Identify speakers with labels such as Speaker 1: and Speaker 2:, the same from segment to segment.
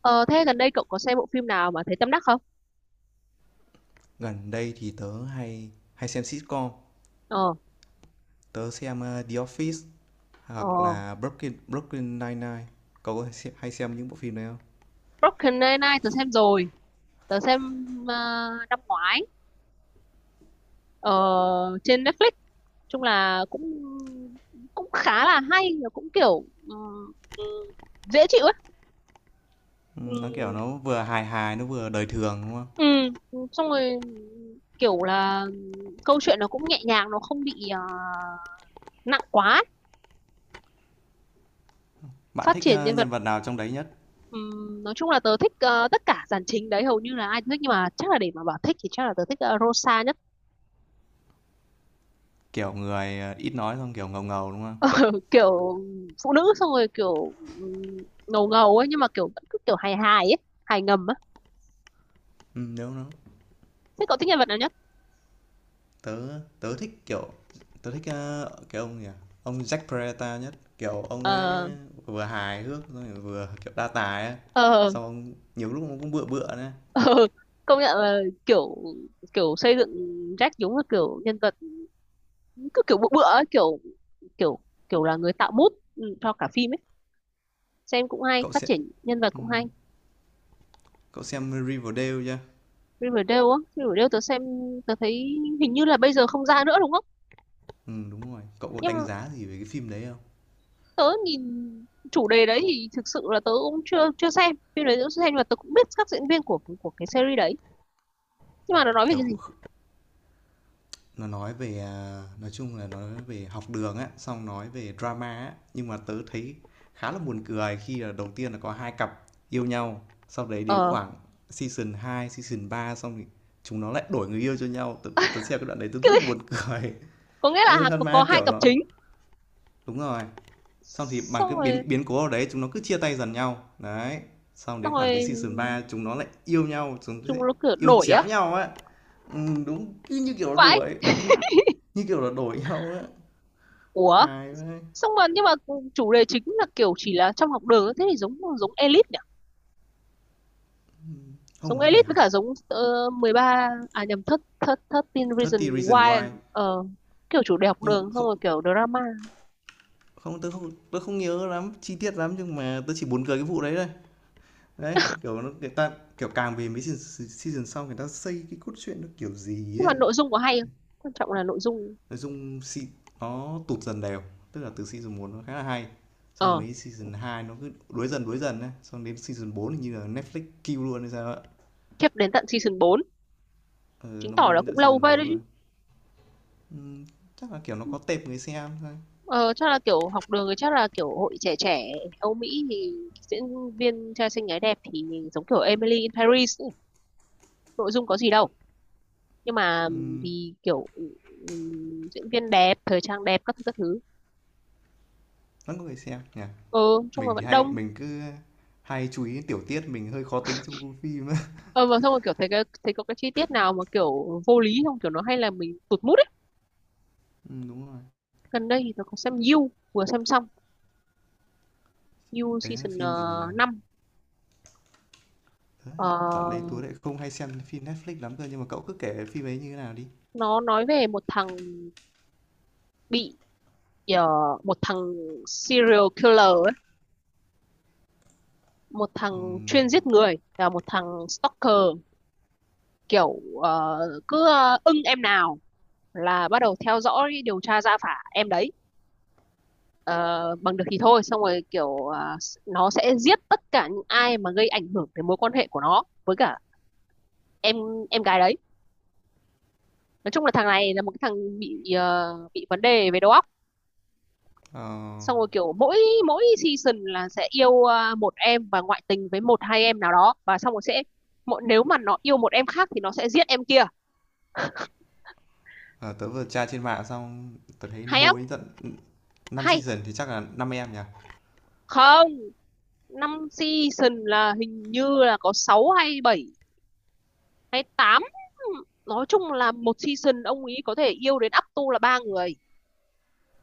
Speaker 1: Ờ, thế gần đây cậu có xem bộ phim nào mà thấy tâm đắc không?
Speaker 2: Gần đây thì tớ hay hay xem sitcom.
Speaker 1: Ờ,
Speaker 2: Tớ xem The Office
Speaker 1: ờ,
Speaker 2: hoặc là Brooklyn Brooklyn Nine Nine. Cậu hay xem những bộ phim đấy không?
Speaker 1: Brooklyn Nine-Nine tớ xem rồi, tớ xem ờ, năm ngoái ờ, trên Netflix. Chung là cũng cũng khá là hay, và cũng kiểu dễ chịu ấy.
Speaker 2: Ừ, nó kiểu nó vừa hài hài nó vừa đời thường đúng không?
Speaker 1: Xong rồi kiểu là câu chuyện nó cũng nhẹ nhàng, nó không bị nặng quá, ấy.
Speaker 2: Bạn
Speaker 1: Phát
Speaker 2: thích
Speaker 1: triển nhân vật.
Speaker 2: nhân vật nào trong đấy nhất?
Speaker 1: Nói chung là tớ thích tất cả dàn chính đấy hầu như là ai cũng thích, nhưng mà chắc là để mà bảo thích thì chắc là tớ thích Rosa nhất.
Speaker 2: Kiểu người ít nói, xong kiểu ngầu ngầu đúng không?
Speaker 1: Kiểu phụ nữ, xong rồi kiểu ngầu ngầu ấy, nhưng mà kiểu vẫn cứ kiểu hài hài ấy, hài ngầm á.
Speaker 2: Ừ, đúng nó.
Speaker 1: Thế cậu thích nhân vật nào nhất?
Speaker 2: Tớ tớ thích kiểu, tớ thích cái ông gì à? Ông Jack Peralta nhất, kiểu ông ấy
Speaker 1: ờ
Speaker 2: vừa hài hước rồi vừa kiểu đa tài ấy.
Speaker 1: ờ
Speaker 2: Xong nhiều lúc nó cũng bựa bựa nữa.
Speaker 1: Ờ, công nhận là kiểu kiểu xây dựng Jack đúng là kiểu nhân vật cứ kiểu bựa bựa ấy, kiểu kiểu kiểu là người tạo mood cho cả phim ấy. Xem cũng hay,
Speaker 2: Cậu
Speaker 1: phát
Speaker 2: sẽ,
Speaker 1: triển nhân vật cũng hay.
Speaker 2: cậu xem Riverdale chưa?
Speaker 1: Riverdale á? Riverdale tớ xem, tớ thấy hình như là bây giờ không ra nữa đúng không?
Speaker 2: Ừ, đúng rồi. Cậu có đánh
Speaker 1: Nhưng
Speaker 2: giá gì về cái phim đấy không?
Speaker 1: tớ nhìn chủ đề đấy thì thực sự là tớ cũng chưa chưa xem phim đấy, tớ chưa xem, nhưng mà tớ cũng biết các diễn viên của cái series đấy. Nhưng mà nó nói về
Speaker 2: Tớ,
Speaker 1: cái gì?
Speaker 2: nó nói về à, nói chung là nói về học đường á, xong nói về drama á, nhưng mà tớ thấy khá là buồn cười khi là đầu tiên là có hai cặp yêu nhau, sau đấy đến
Speaker 1: Ờ,
Speaker 2: khoảng season 2, season ba, xong thì chúng nó lại đổi người yêu cho nhau. Tớ xem cái đoạn đấy tớ
Speaker 1: cái
Speaker 2: rất là
Speaker 1: gì,
Speaker 2: buồn cười.
Speaker 1: có nghĩa
Speaker 2: Ừ
Speaker 1: là
Speaker 2: thật
Speaker 1: có
Speaker 2: mà
Speaker 1: hai
Speaker 2: kiểu
Speaker 1: cặp
Speaker 2: nó,
Speaker 1: chính,
Speaker 2: đúng rồi, xong thì bằng
Speaker 1: xong
Speaker 2: cái biến
Speaker 1: rồi.
Speaker 2: biến cố ở đấy chúng nó cứ chia tay dần nhau đấy, xong
Speaker 1: xong
Speaker 2: đến khoảng đến
Speaker 1: rồi
Speaker 2: season 3 chúng nó lại yêu nhau. Chúng nó
Speaker 1: chúng
Speaker 2: sẽ
Speaker 1: nó kiểu
Speaker 2: yêu
Speaker 1: đổi á.
Speaker 2: chéo nhau á. Ừ, đúng, cứ như kiểu là
Speaker 1: Vãi.
Speaker 2: đuổi, như như kiểu là đổi nhau á.
Speaker 1: Ủa.
Speaker 2: Hài quá.
Speaker 1: Xong rồi nhưng mà chủ đề chính là kiểu chỉ là trong học đường, thế thì giống giống Elite nhỉ.
Speaker 2: Không,
Speaker 1: Giống
Speaker 2: nói về
Speaker 1: Elite với
Speaker 2: học.
Speaker 1: cả giống 13, à nhầm, thất thất thất Teen Reason
Speaker 2: 30 reason
Speaker 1: Why.
Speaker 2: why.
Speaker 1: Ờ Kiểu chủ đề học
Speaker 2: Nhưng mà
Speaker 1: đường xong
Speaker 2: không
Speaker 1: rồi kiểu drama.
Speaker 2: không tôi không nhớ lắm chi tiết lắm, nhưng mà tôi chỉ buồn cười cái vụ đấy thôi. Đấy, kiểu nó người ta, kiểu càng về mấy season, season sau người ta xây cái cốt truyện nó kiểu gì
Speaker 1: Nhưng
Speaker 2: ấy.
Speaker 1: mà nội dung có hay không, quan trọng là nội dung.
Speaker 2: Nói chung nó tụt dần đều, tức là từ season một nó khá là hay. Xong
Speaker 1: Ờ,
Speaker 2: mấy season 2 nó cứ đuối dần ấy, xong đến season 4 thì như là Netflix kill luôn hay sao ạ.
Speaker 1: khiếp, đến tận season 4,
Speaker 2: Ừ,
Speaker 1: chứng
Speaker 2: nó
Speaker 1: tỏ
Speaker 2: bôi
Speaker 1: là
Speaker 2: đến tận
Speaker 1: cũng lâu
Speaker 2: season
Speaker 1: phết đấy
Speaker 2: 4 rồi.
Speaker 1: chứ.
Speaker 2: Chắc là kiểu nó có tệp người xem thôi.
Speaker 1: Ờ, chắc là kiểu học đường thì chắc là kiểu hội trẻ trẻ Âu Mỹ thì diễn viên trai xinh gái đẹp thì giống kiểu Emily in Paris ấy. Nội dung có gì đâu, nhưng mà vì kiểu diễn viên đẹp, thời trang đẹp, các thứ các thứ.
Speaker 2: Vẫn có người xem nhỉ.
Speaker 1: Ờ, chung là
Speaker 2: Mình thì
Speaker 1: vẫn
Speaker 2: hay
Speaker 1: đông.
Speaker 2: mình cứ hay chú ý đến tiểu tiết, mình hơi khó tính trong phim á.
Speaker 1: Ờ, và xong rồi kiểu thấy cái thấy có cái chi tiết nào mà kiểu vô lý không kiểu, nó hay là mình tụt mood ấy.
Speaker 2: Ừ, đúng rồi.
Speaker 1: Gần đây thì tôi có xem You, vừa xem xong You
Speaker 2: Đấy là
Speaker 1: season
Speaker 2: phim gì nhỉ? Đấy, dạo đấy tôi
Speaker 1: 5.
Speaker 2: lại không hay xem phim Netflix lắm cơ, nhưng mà cậu cứ kể phim ấy như thế nào đi.
Speaker 1: Nó nói về một thằng bị ờ, một thằng serial killer ấy, một thằng chuyên giết người và một thằng stalker, kiểu cứ ưng em nào là bắt đầu theo dõi, điều tra ra phả em đấy. Ờ, bằng được thì thôi, xong rồi kiểu nó sẽ giết tất cả những ai mà gây ảnh hưởng đến mối quan hệ của nó với cả em em gái đấy. Nói chung là thằng này là một cái thằng bị bị vấn đề về đầu óc.
Speaker 2: Ờ,
Speaker 1: Xong rồi kiểu mỗi mỗi season là sẽ yêu à, một em và ngoại tình với một hai em nào đó, và xong rồi sẽ, mỗi nếu mà nó yêu một em khác thì nó sẽ giết em kia.
Speaker 2: ờ, tớ vừa tra trên mạng xong, tớ thấy nó
Speaker 1: Hay không,
Speaker 2: bôi đến tận 5
Speaker 1: hay
Speaker 2: season thì chắc là 5 em nhỉ?
Speaker 1: không, 5 season là hình như là có 6 hay 7 hay 8. Nói chung là 1 season ông ấy có thể yêu đến up to là 3 người.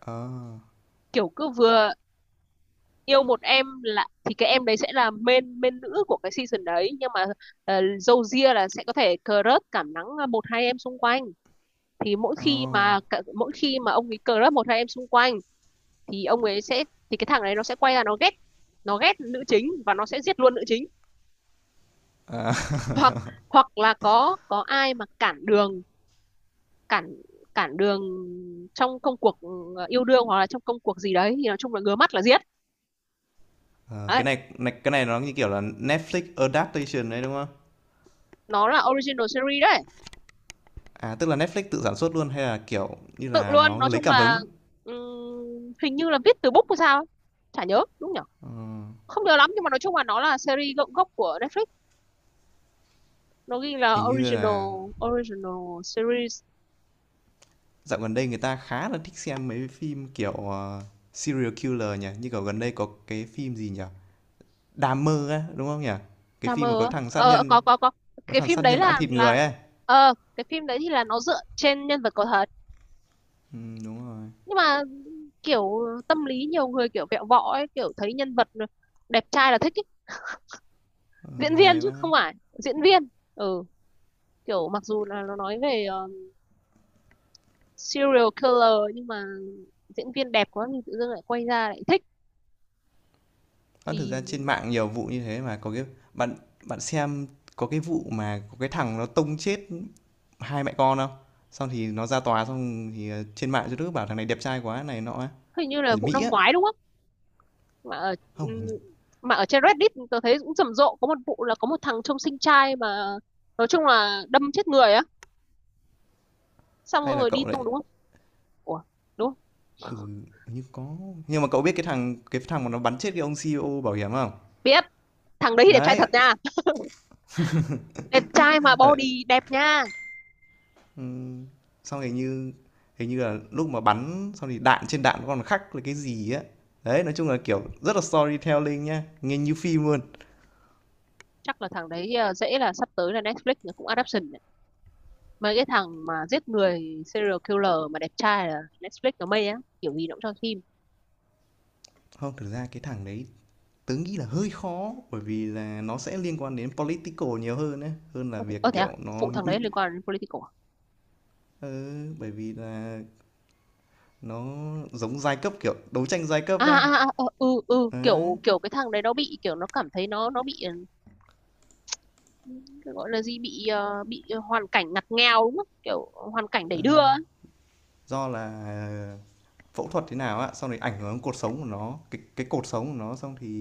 Speaker 2: Ờ,
Speaker 1: Kiểu cứ vừa yêu một em là thì cái em đấy sẽ là main main nữ của cái season đấy, nhưng mà dâu ria là sẽ có thể crush, cảm nắng một hai em xung quanh. Thì
Speaker 2: ờ.
Speaker 1: mỗi khi mà ông ấy crush một hai em xung quanh thì ông ấy sẽ thì cái thằng này nó sẽ quay ra nó ghét, nữ chính, và nó sẽ giết luôn nữ chính. Hoặc hoặc là có ai mà cản đường, cản cản đường trong công cuộc yêu đương hoặc là trong công cuộc gì đấy, thì nói chung là ngứa mắt là giết.
Speaker 2: Ờ,
Speaker 1: Đấy,
Speaker 2: cái này nó như kiểu là Netflix adaptation đấy đúng không?
Speaker 1: nó là original series đấy.
Speaker 2: À, tức là Netflix tự sản xuất luôn hay là kiểu như
Speaker 1: Tự
Speaker 2: là
Speaker 1: luôn,
Speaker 2: nó
Speaker 1: nói
Speaker 2: lấy
Speaker 1: chung
Speaker 2: cảm
Speaker 1: là
Speaker 2: hứng?
Speaker 1: hình như là viết từ book hay sao ấy. Chả nhớ, đúng nhở, không nhớ lắm, nhưng mà nói chung là nó là series gốc gốc của Netflix, nó ghi là
Speaker 2: Hình như là
Speaker 1: original, original series.
Speaker 2: dạo gần đây người ta khá là thích xem mấy phim kiểu serial killer nhỉ, như kiểu gần đây có cái phim gì nhỉ? Đám mơ á, đúng không nhỉ? Cái
Speaker 1: Drama
Speaker 2: phim mà
Speaker 1: á, ờ, có,
Speaker 2: có
Speaker 1: cái
Speaker 2: thằng
Speaker 1: phim
Speaker 2: sát
Speaker 1: đấy
Speaker 2: nhân ăn thịt
Speaker 1: là
Speaker 2: người ấy.
Speaker 1: ờ, cái phim đấy thì là nó dựa trên nhân vật có thật.
Speaker 2: Ừ, đúng rồi.
Speaker 1: Nhưng mà kiểu tâm lý nhiều người kiểu vẹo võ ấy, kiểu thấy nhân vật đẹp trai là thích ấy.
Speaker 2: Ừ,
Speaker 1: Diễn viên,
Speaker 2: hay
Speaker 1: chứ
Speaker 2: quá.
Speaker 1: không phải diễn viên. Ừ, kiểu mặc dù là nó nói về serial killer, nhưng mà diễn viên đẹp quá thì tự dưng lại quay ra lại thích
Speaker 2: Ơ, thực
Speaker 1: thì.
Speaker 2: ra trên mạng nhiều vụ như thế mà, có cái bạn bạn xem, có cái vụ mà có cái thằng nó tông chết hai mẹ con không? Xong thì nó ra tòa xong thì, trên mạng cho đứa bảo thằng này đẹp trai quá này nọ á,
Speaker 1: Hình như là
Speaker 2: ở
Speaker 1: vụ
Speaker 2: Mỹ
Speaker 1: năm
Speaker 2: á.
Speaker 1: ngoái đúng không, mà ở, ừ,
Speaker 2: Không,
Speaker 1: mà ở trên Reddit tôi thấy cũng rầm rộ, có một vụ là có một thằng trông sinh trai mà nói chung là đâm chết người á, xong
Speaker 2: hay là
Speaker 1: rồi đi
Speaker 2: cậu lại
Speaker 1: tung đúng không. Ủa, đúng không?
Speaker 2: như có, nhưng mà cậu biết cái thằng mà nó bắn chết cái ông CEO bảo hiểm không?
Speaker 1: Biết. Thằng đấy thì đẹp trai
Speaker 2: Đấy,
Speaker 1: thật nha. Đẹp trai mà
Speaker 2: ờ,
Speaker 1: body đẹp nha.
Speaker 2: ừ. Xong hình như là lúc mà bắn xong thì đạn trên đạn nó còn khắc là cái gì á. Đấy, nói chung là, kiểu, rất là storytelling nhá, nghe như phim luôn.
Speaker 1: Chắc là thằng đấy à, dễ là sắp tới là Netflix nó cũng adaptation đấy. Mấy cái thằng mà giết người, serial killer mà đẹp trai là Netflix nó mê á, kiểu gì nó cũng cho phim.
Speaker 2: Không, thực ra cái thằng đấy, tớ nghĩ là hơi khó bởi vì là nó sẽ liên quan đến political nhiều hơn ấy, hơn là
Speaker 1: Có thể, có
Speaker 2: việc,
Speaker 1: thế à,
Speaker 2: kiểu, nó
Speaker 1: phụ thằng
Speaker 2: mi,
Speaker 1: đấy liên quan đến political.
Speaker 2: ừ, bởi vì là nó giống giai cấp, kiểu, đấu tranh giai cấp
Speaker 1: à à,
Speaker 2: ấy.
Speaker 1: à, à ờ, ừ ừ
Speaker 2: Đấy,
Speaker 1: Kiểu kiểu cái thằng đấy nó bị kiểu nó cảm thấy nó bị cái gọi là gì, bị bị hoàn cảnh ngặt nghèo đúng không, kiểu hoàn cảnh
Speaker 2: ờ,
Speaker 1: đẩy đưa ấy.
Speaker 2: do là phẫu thuật thế nào á, xong rồi ảnh hưởng đến cột sống của nó, cái cột sống của nó, xong thì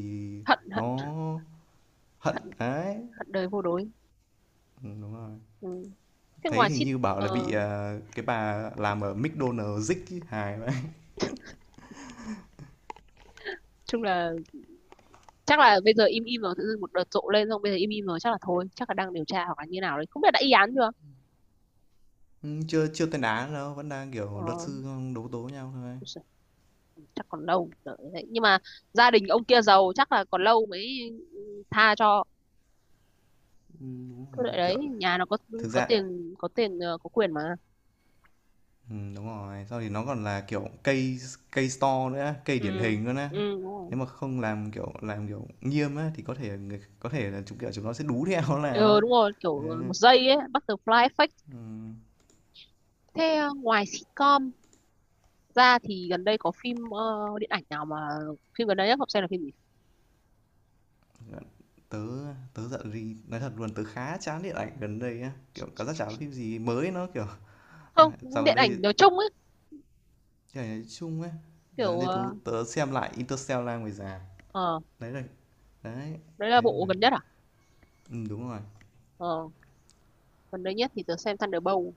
Speaker 1: Hận hận
Speaker 2: nó hận,
Speaker 1: hận
Speaker 2: đấy.
Speaker 1: hận đời vô đối.
Speaker 2: Đúng rồi.
Speaker 1: Ừ. Thế
Speaker 2: Thấy
Speaker 1: ngoài
Speaker 2: hình
Speaker 1: shit,
Speaker 2: như bảo là bị,
Speaker 1: ờ,
Speaker 2: cái bà làm ở McDonald's rích ấy, hài vậy.
Speaker 1: chung là chắc là bây giờ im im rồi, tự dưng một đợt rộ lên xong bây giờ im im rồi, chắc là thôi, chắc là đang điều tra hoặc là như nào đấy, không biết đã y án chưa.
Speaker 2: Chưa chưa tên án đâu, vẫn đang, kiểu, luật
Speaker 1: Ờ,
Speaker 2: sư đấu tố nhau thôi.
Speaker 1: ôi giời, chắc còn lâu, đợi đấy, nhưng mà gia đình ông kia giàu, chắc là còn lâu mới, ừ, tha cho. Cứ đợi
Speaker 2: Kiểu
Speaker 1: đấy, nhà nó có,
Speaker 2: thực ra,
Speaker 1: có tiền có quyền mà.
Speaker 2: đúng rồi, sau thì nó còn là, kiểu, cây cây store nữa, cây điển
Speaker 1: Ừ,
Speaker 2: hình luôn á.
Speaker 1: ừ đúng rồi.
Speaker 2: Nếu mà không làm, kiểu, làm, kiểu, nghiêm á thì có thể người có thể là chúng, kiểu, chúng nó sẽ đú theo nó làm
Speaker 1: Ừ
Speaker 2: ấy.
Speaker 1: đúng rồi, kiểu một giây ấy, butterfly effect. Thế ngoài sitcom ra thì gần đây có phim điện ảnh nào mà, phim gần đây nhất Ngọc xem là phim gì?
Speaker 2: Tớ tớ giận gì nói thật luôn, tớ khá chán điện ảnh gần đây á, kiểu, cảm giác chả có phim gì mới nó, kiểu,
Speaker 1: Không,
Speaker 2: dạo gần
Speaker 1: điện
Speaker 2: đây,
Speaker 1: ảnh nói chung ấy,
Speaker 2: trời, nói chung á, dạo gần
Speaker 1: kiểu
Speaker 2: đây tớ
Speaker 1: ờ
Speaker 2: tớ xem lại Interstellar ngoài rạp.
Speaker 1: ờ,
Speaker 2: Đấy là đấy,
Speaker 1: đấy là
Speaker 2: đấy, đúng
Speaker 1: bộ
Speaker 2: rồi.
Speaker 1: gần nhất à?
Speaker 2: Đúng rồi.
Speaker 1: Ờ, gần đây nhất thì tớ xem Thunderbolt.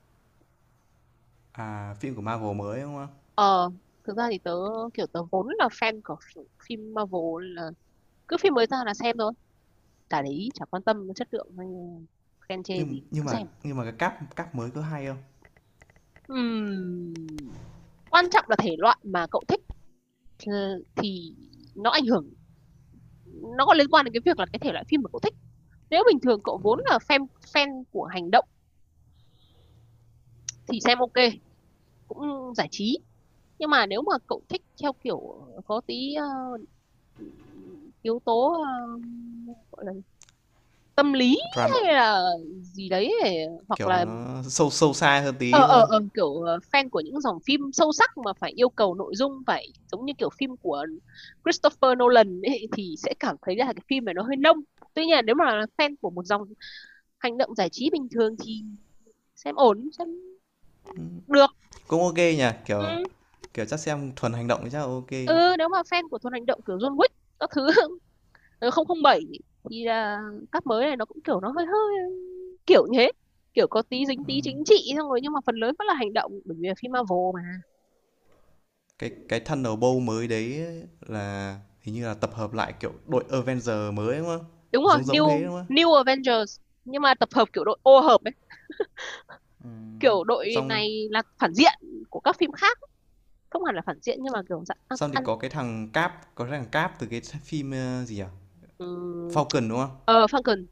Speaker 2: À, phim của Marvel mới, đúng không?
Speaker 1: Ờ, thực ra thì tớ kiểu tớ vốn là fan của phim Marvel, nên là cứ phim mới ra là xem thôi. Cả đấy chả quan tâm chất lượng hay khen chê
Speaker 2: nhưng
Speaker 1: gì,
Speaker 2: nhưng
Speaker 1: cứ
Speaker 2: mà
Speaker 1: xem.
Speaker 2: nhưng mà cái cáp cáp mới có hay không?
Speaker 1: Ừm, quan trọng là thể loại mà cậu thích ờ, thì nó ảnh hưởng, nó có liên quan đến cái việc là cái thể loại phim mà cậu thích. Nếu bình thường cậu vốn là fan fan của hành động thì xem ok, cũng giải trí. Nhưng mà nếu mà cậu thích theo kiểu có tí yếu tố gọi là tâm lý
Speaker 2: Ram,
Speaker 1: hay là gì đấy hoặc
Speaker 2: kiểu
Speaker 1: là
Speaker 2: nó sâu sâu xa hơn
Speaker 1: ờ
Speaker 2: tí đúng
Speaker 1: ờ
Speaker 2: không?
Speaker 1: ờ kiểu fan của những dòng phim sâu sắc mà phải yêu cầu nội dung phải giống như kiểu phim của Christopher Nolan ấy, thì sẽ cảm thấy là cái phim này nó hơi nông. Tuy nhiên nếu mà là fan của một dòng hành động giải trí bình thường thì xem ổn, xem được.
Speaker 2: Cũng ok nhỉ, kiểu,
Speaker 1: Ừ,
Speaker 2: kiểu chắc xem thuần hành động thì chắc là ok.
Speaker 1: ừ, nếu mà fan của Thuần Hành Động kiểu John Wick các thứ 007 thì là các mới này nó cũng kiểu nó hơi hơi kiểu như thế, kiểu có tí dính tí chính trị, xong rồi nhưng mà phần lớn vẫn là hành động, bởi vì là phim Marvel mà.
Speaker 2: Cái Thunderbolt mới đấy là hình như là tập hợp lại kiểu đội Avenger mới đúng không?
Speaker 1: Đúng rồi,
Speaker 2: Giống giống thế
Speaker 1: New
Speaker 2: đúng không,
Speaker 1: New Avengers, nhưng mà tập hợp kiểu đội ô hợp ấy, kiểu đội
Speaker 2: xong,
Speaker 1: này là phản diện của các phim khác, không hẳn là phản diện nhưng mà kiểu dạng ăn
Speaker 2: xong thì
Speaker 1: ăn
Speaker 2: có cái thằng cáp có cái thằng cáp từ cái phim gì nhỉ,
Speaker 1: um,
Speaker 2: Falcon đúng không?
Speaker 1: ờ Falcon,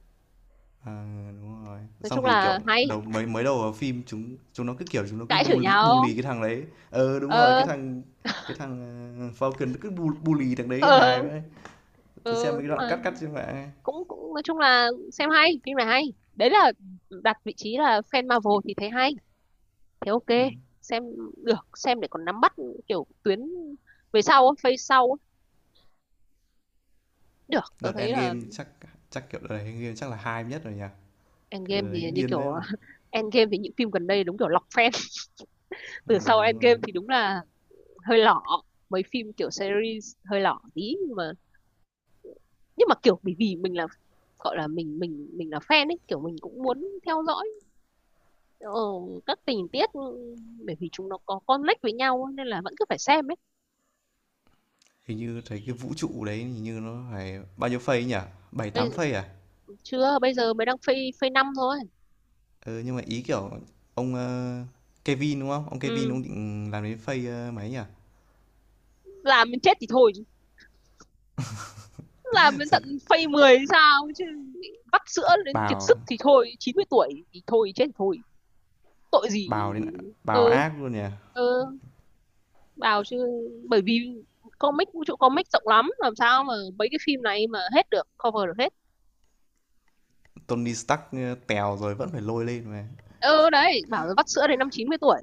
Speaker 2: À, đúng rồi.
Speaker 1: nói
Speaker 2: Xong
Speaker 1: chung
Speaker 2: thì, kiểu,
Speaker 1: là hay
Speaker 2: đầu mới mới đầu vào phim chúng chúng nó cứ, kiểu, chúng nó cứ
Speaker 1: cãi chửi
Speaker 2: bully bully
Speaker 1: nhau.
Speaker 2: cái thằng đấy. Ờ, đúng rồi,
Speaker 1: ờ
Speaker 2: cái thằng, Falcon nó cứ bully thằng đấy
Speaker 1: ờ
Speaker 2: hài vậy. Tôi xem
Speaker 1: Ừ,
Speaker 2: mấy cái
Speaker 1: nhưng
Speaker 2: đoạn
Speaker 1: mà
Speaker 2: cắt cắt trên mạng ấy.
Speaker 1: cũng cũng nói chung là xem hay, phim này hay. Đấy là đặt vị trí là fan Marvel thì thấy hay, thế ok, xem được, xem để còn nắm bắt kiểu tuyến về sau á, phase sau á. Được, tớ
Speaker 2: Đợt
Speaker 1: thấy là
Speaker 2: Endgame chắc chắc, kiểu, đợt này Endgame chắc là hai nhất rồi nhỉ? Kiểu,
Speaker 1: Endgame
Speaker 2: đợt đấy
Speaker 1: thì như
Speaker 2: điên đấy.
Speaker 1: kiểu Endgame thì những phim gần đây đúng kiểu lọc fan. Từ sau
Speaker 2: Đúng
Speaker 1: Endgame
Speaker 2: rồi.
Speaker 1: thì đúng là hơi lỏ, mấy phim kiểu series hơi lỏ tí, nhưng mà kiểu bởi vì mình là gọi là mình là fan ấy, kiểu mình cũng muốn theo dõi ờ, các tình tiết bởi vì chúng nó có connect với nhau ấy, nên là vẫn cứ phải xem ấy.
Speaker 2: Hình như thấy cái vũ trụ đấy hình như nó phải bao nhiêu phase nhỉ? Bảy
Speaker 1: Bây
Speaker 2: 8
Speaker 1: giờ,
Speaker 2: phase à?
Speaker 1: chưa, bây giờ mới đang phây phase 5 thôi.
Speaker 2: Ừ, nhưng mà ý, kiểu, ông, Kevin, đúng không? Ông Kevin
Speaker 1: Ừ.
Speaker 2: ông định làm đến phase, mấy nhỉ?
Speaker 1: Làm đến chết thì thôi chứ. Làm đến
Speaker 2: Xong
Speaker 1: tận phase 10 thì sao chứ. Vắt sữa đến kiệt
Speaker 2: bảo,
Speaker 1: sức thì thôi, 90 tuổi thì thôi, chết thì thôi, tội gì.
Speaker 2: bào đến, bào
Speaker 1: Ừ,
Speaker 2: ác luôn nhỉ.
Speaker 1: ừ, bảo chứ, bởi vì comic, vũ trụ comic rộng lắm, làm sao mà mấy cái phim này mà hết được, cover được hết.
Speaker 2: Tony Stark tèo rồi vẫn phải lôi lên mà.
Speaker 1: Ừ, đấy, bảo là vắt sữa đến năm 90 tuổi.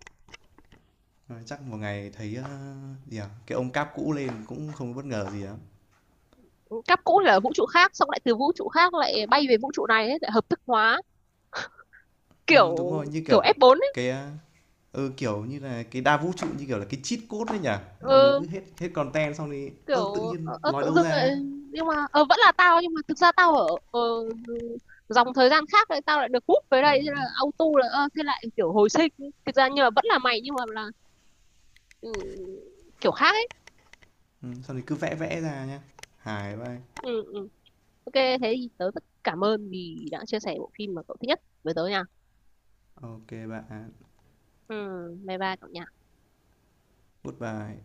Speaker 2: Ờ, chắc một ngày thấy gì à? Cái ông cáp cũ lên cũng không bất ngờ gì lắm.
Speaker 1: Cáp cũ thì ở vũ trụ khác, xong lại từ vũ trụ khác lại bay về vũ trụ này ấy, lại hợp thức hóa
Speaker 2: Ừ, đúng
Speaker 1: kiểu,
Speaker 2: rồi, như
Speaker 1: kiểu
Speaker 2: kiểu
Speaker 1: F4 ấy.
Speaker 2: cái ừ, kiểu như là cái đa vũ trụ như kiểu là cái cheat code đấy nhỉ. Mọi người cứ
Speaker 1: Ừ,
Speaker 2: hết hết content xong thì ơ tự
Speaker 1: kiểu
Speaker 2: nhiên lòi
Speaker 1: tự
Speaker 2: đâu
Speaker 1: dưng lại,
Speaker 2: ra.
Speaker 1: nhưng mà vẫn là tao, nhưng mà thực ra tao ở dòng thời gian khác, lại tao lại được hút về đây, thế là auto là thế lại kiểu hồi sinh. Thực ra nhưng mà vẫn là mày, nhưng mà là ừ, kiểu khác ấy.
Speaker 2: Ừ, xong thì cứ vẽ vẽ ra nhá. Hài vai.
Speaker 1: Ừ, ừ. Ok thế thì tớ rất cảm ơn vì đã chia sẻ bộ phim mà cậu thích nhất với tớ nha.
Speaker 2: Ok bạn.
Speaker 1: Ừ, bye bye cậu nha.
Speaker 2: Goodbye.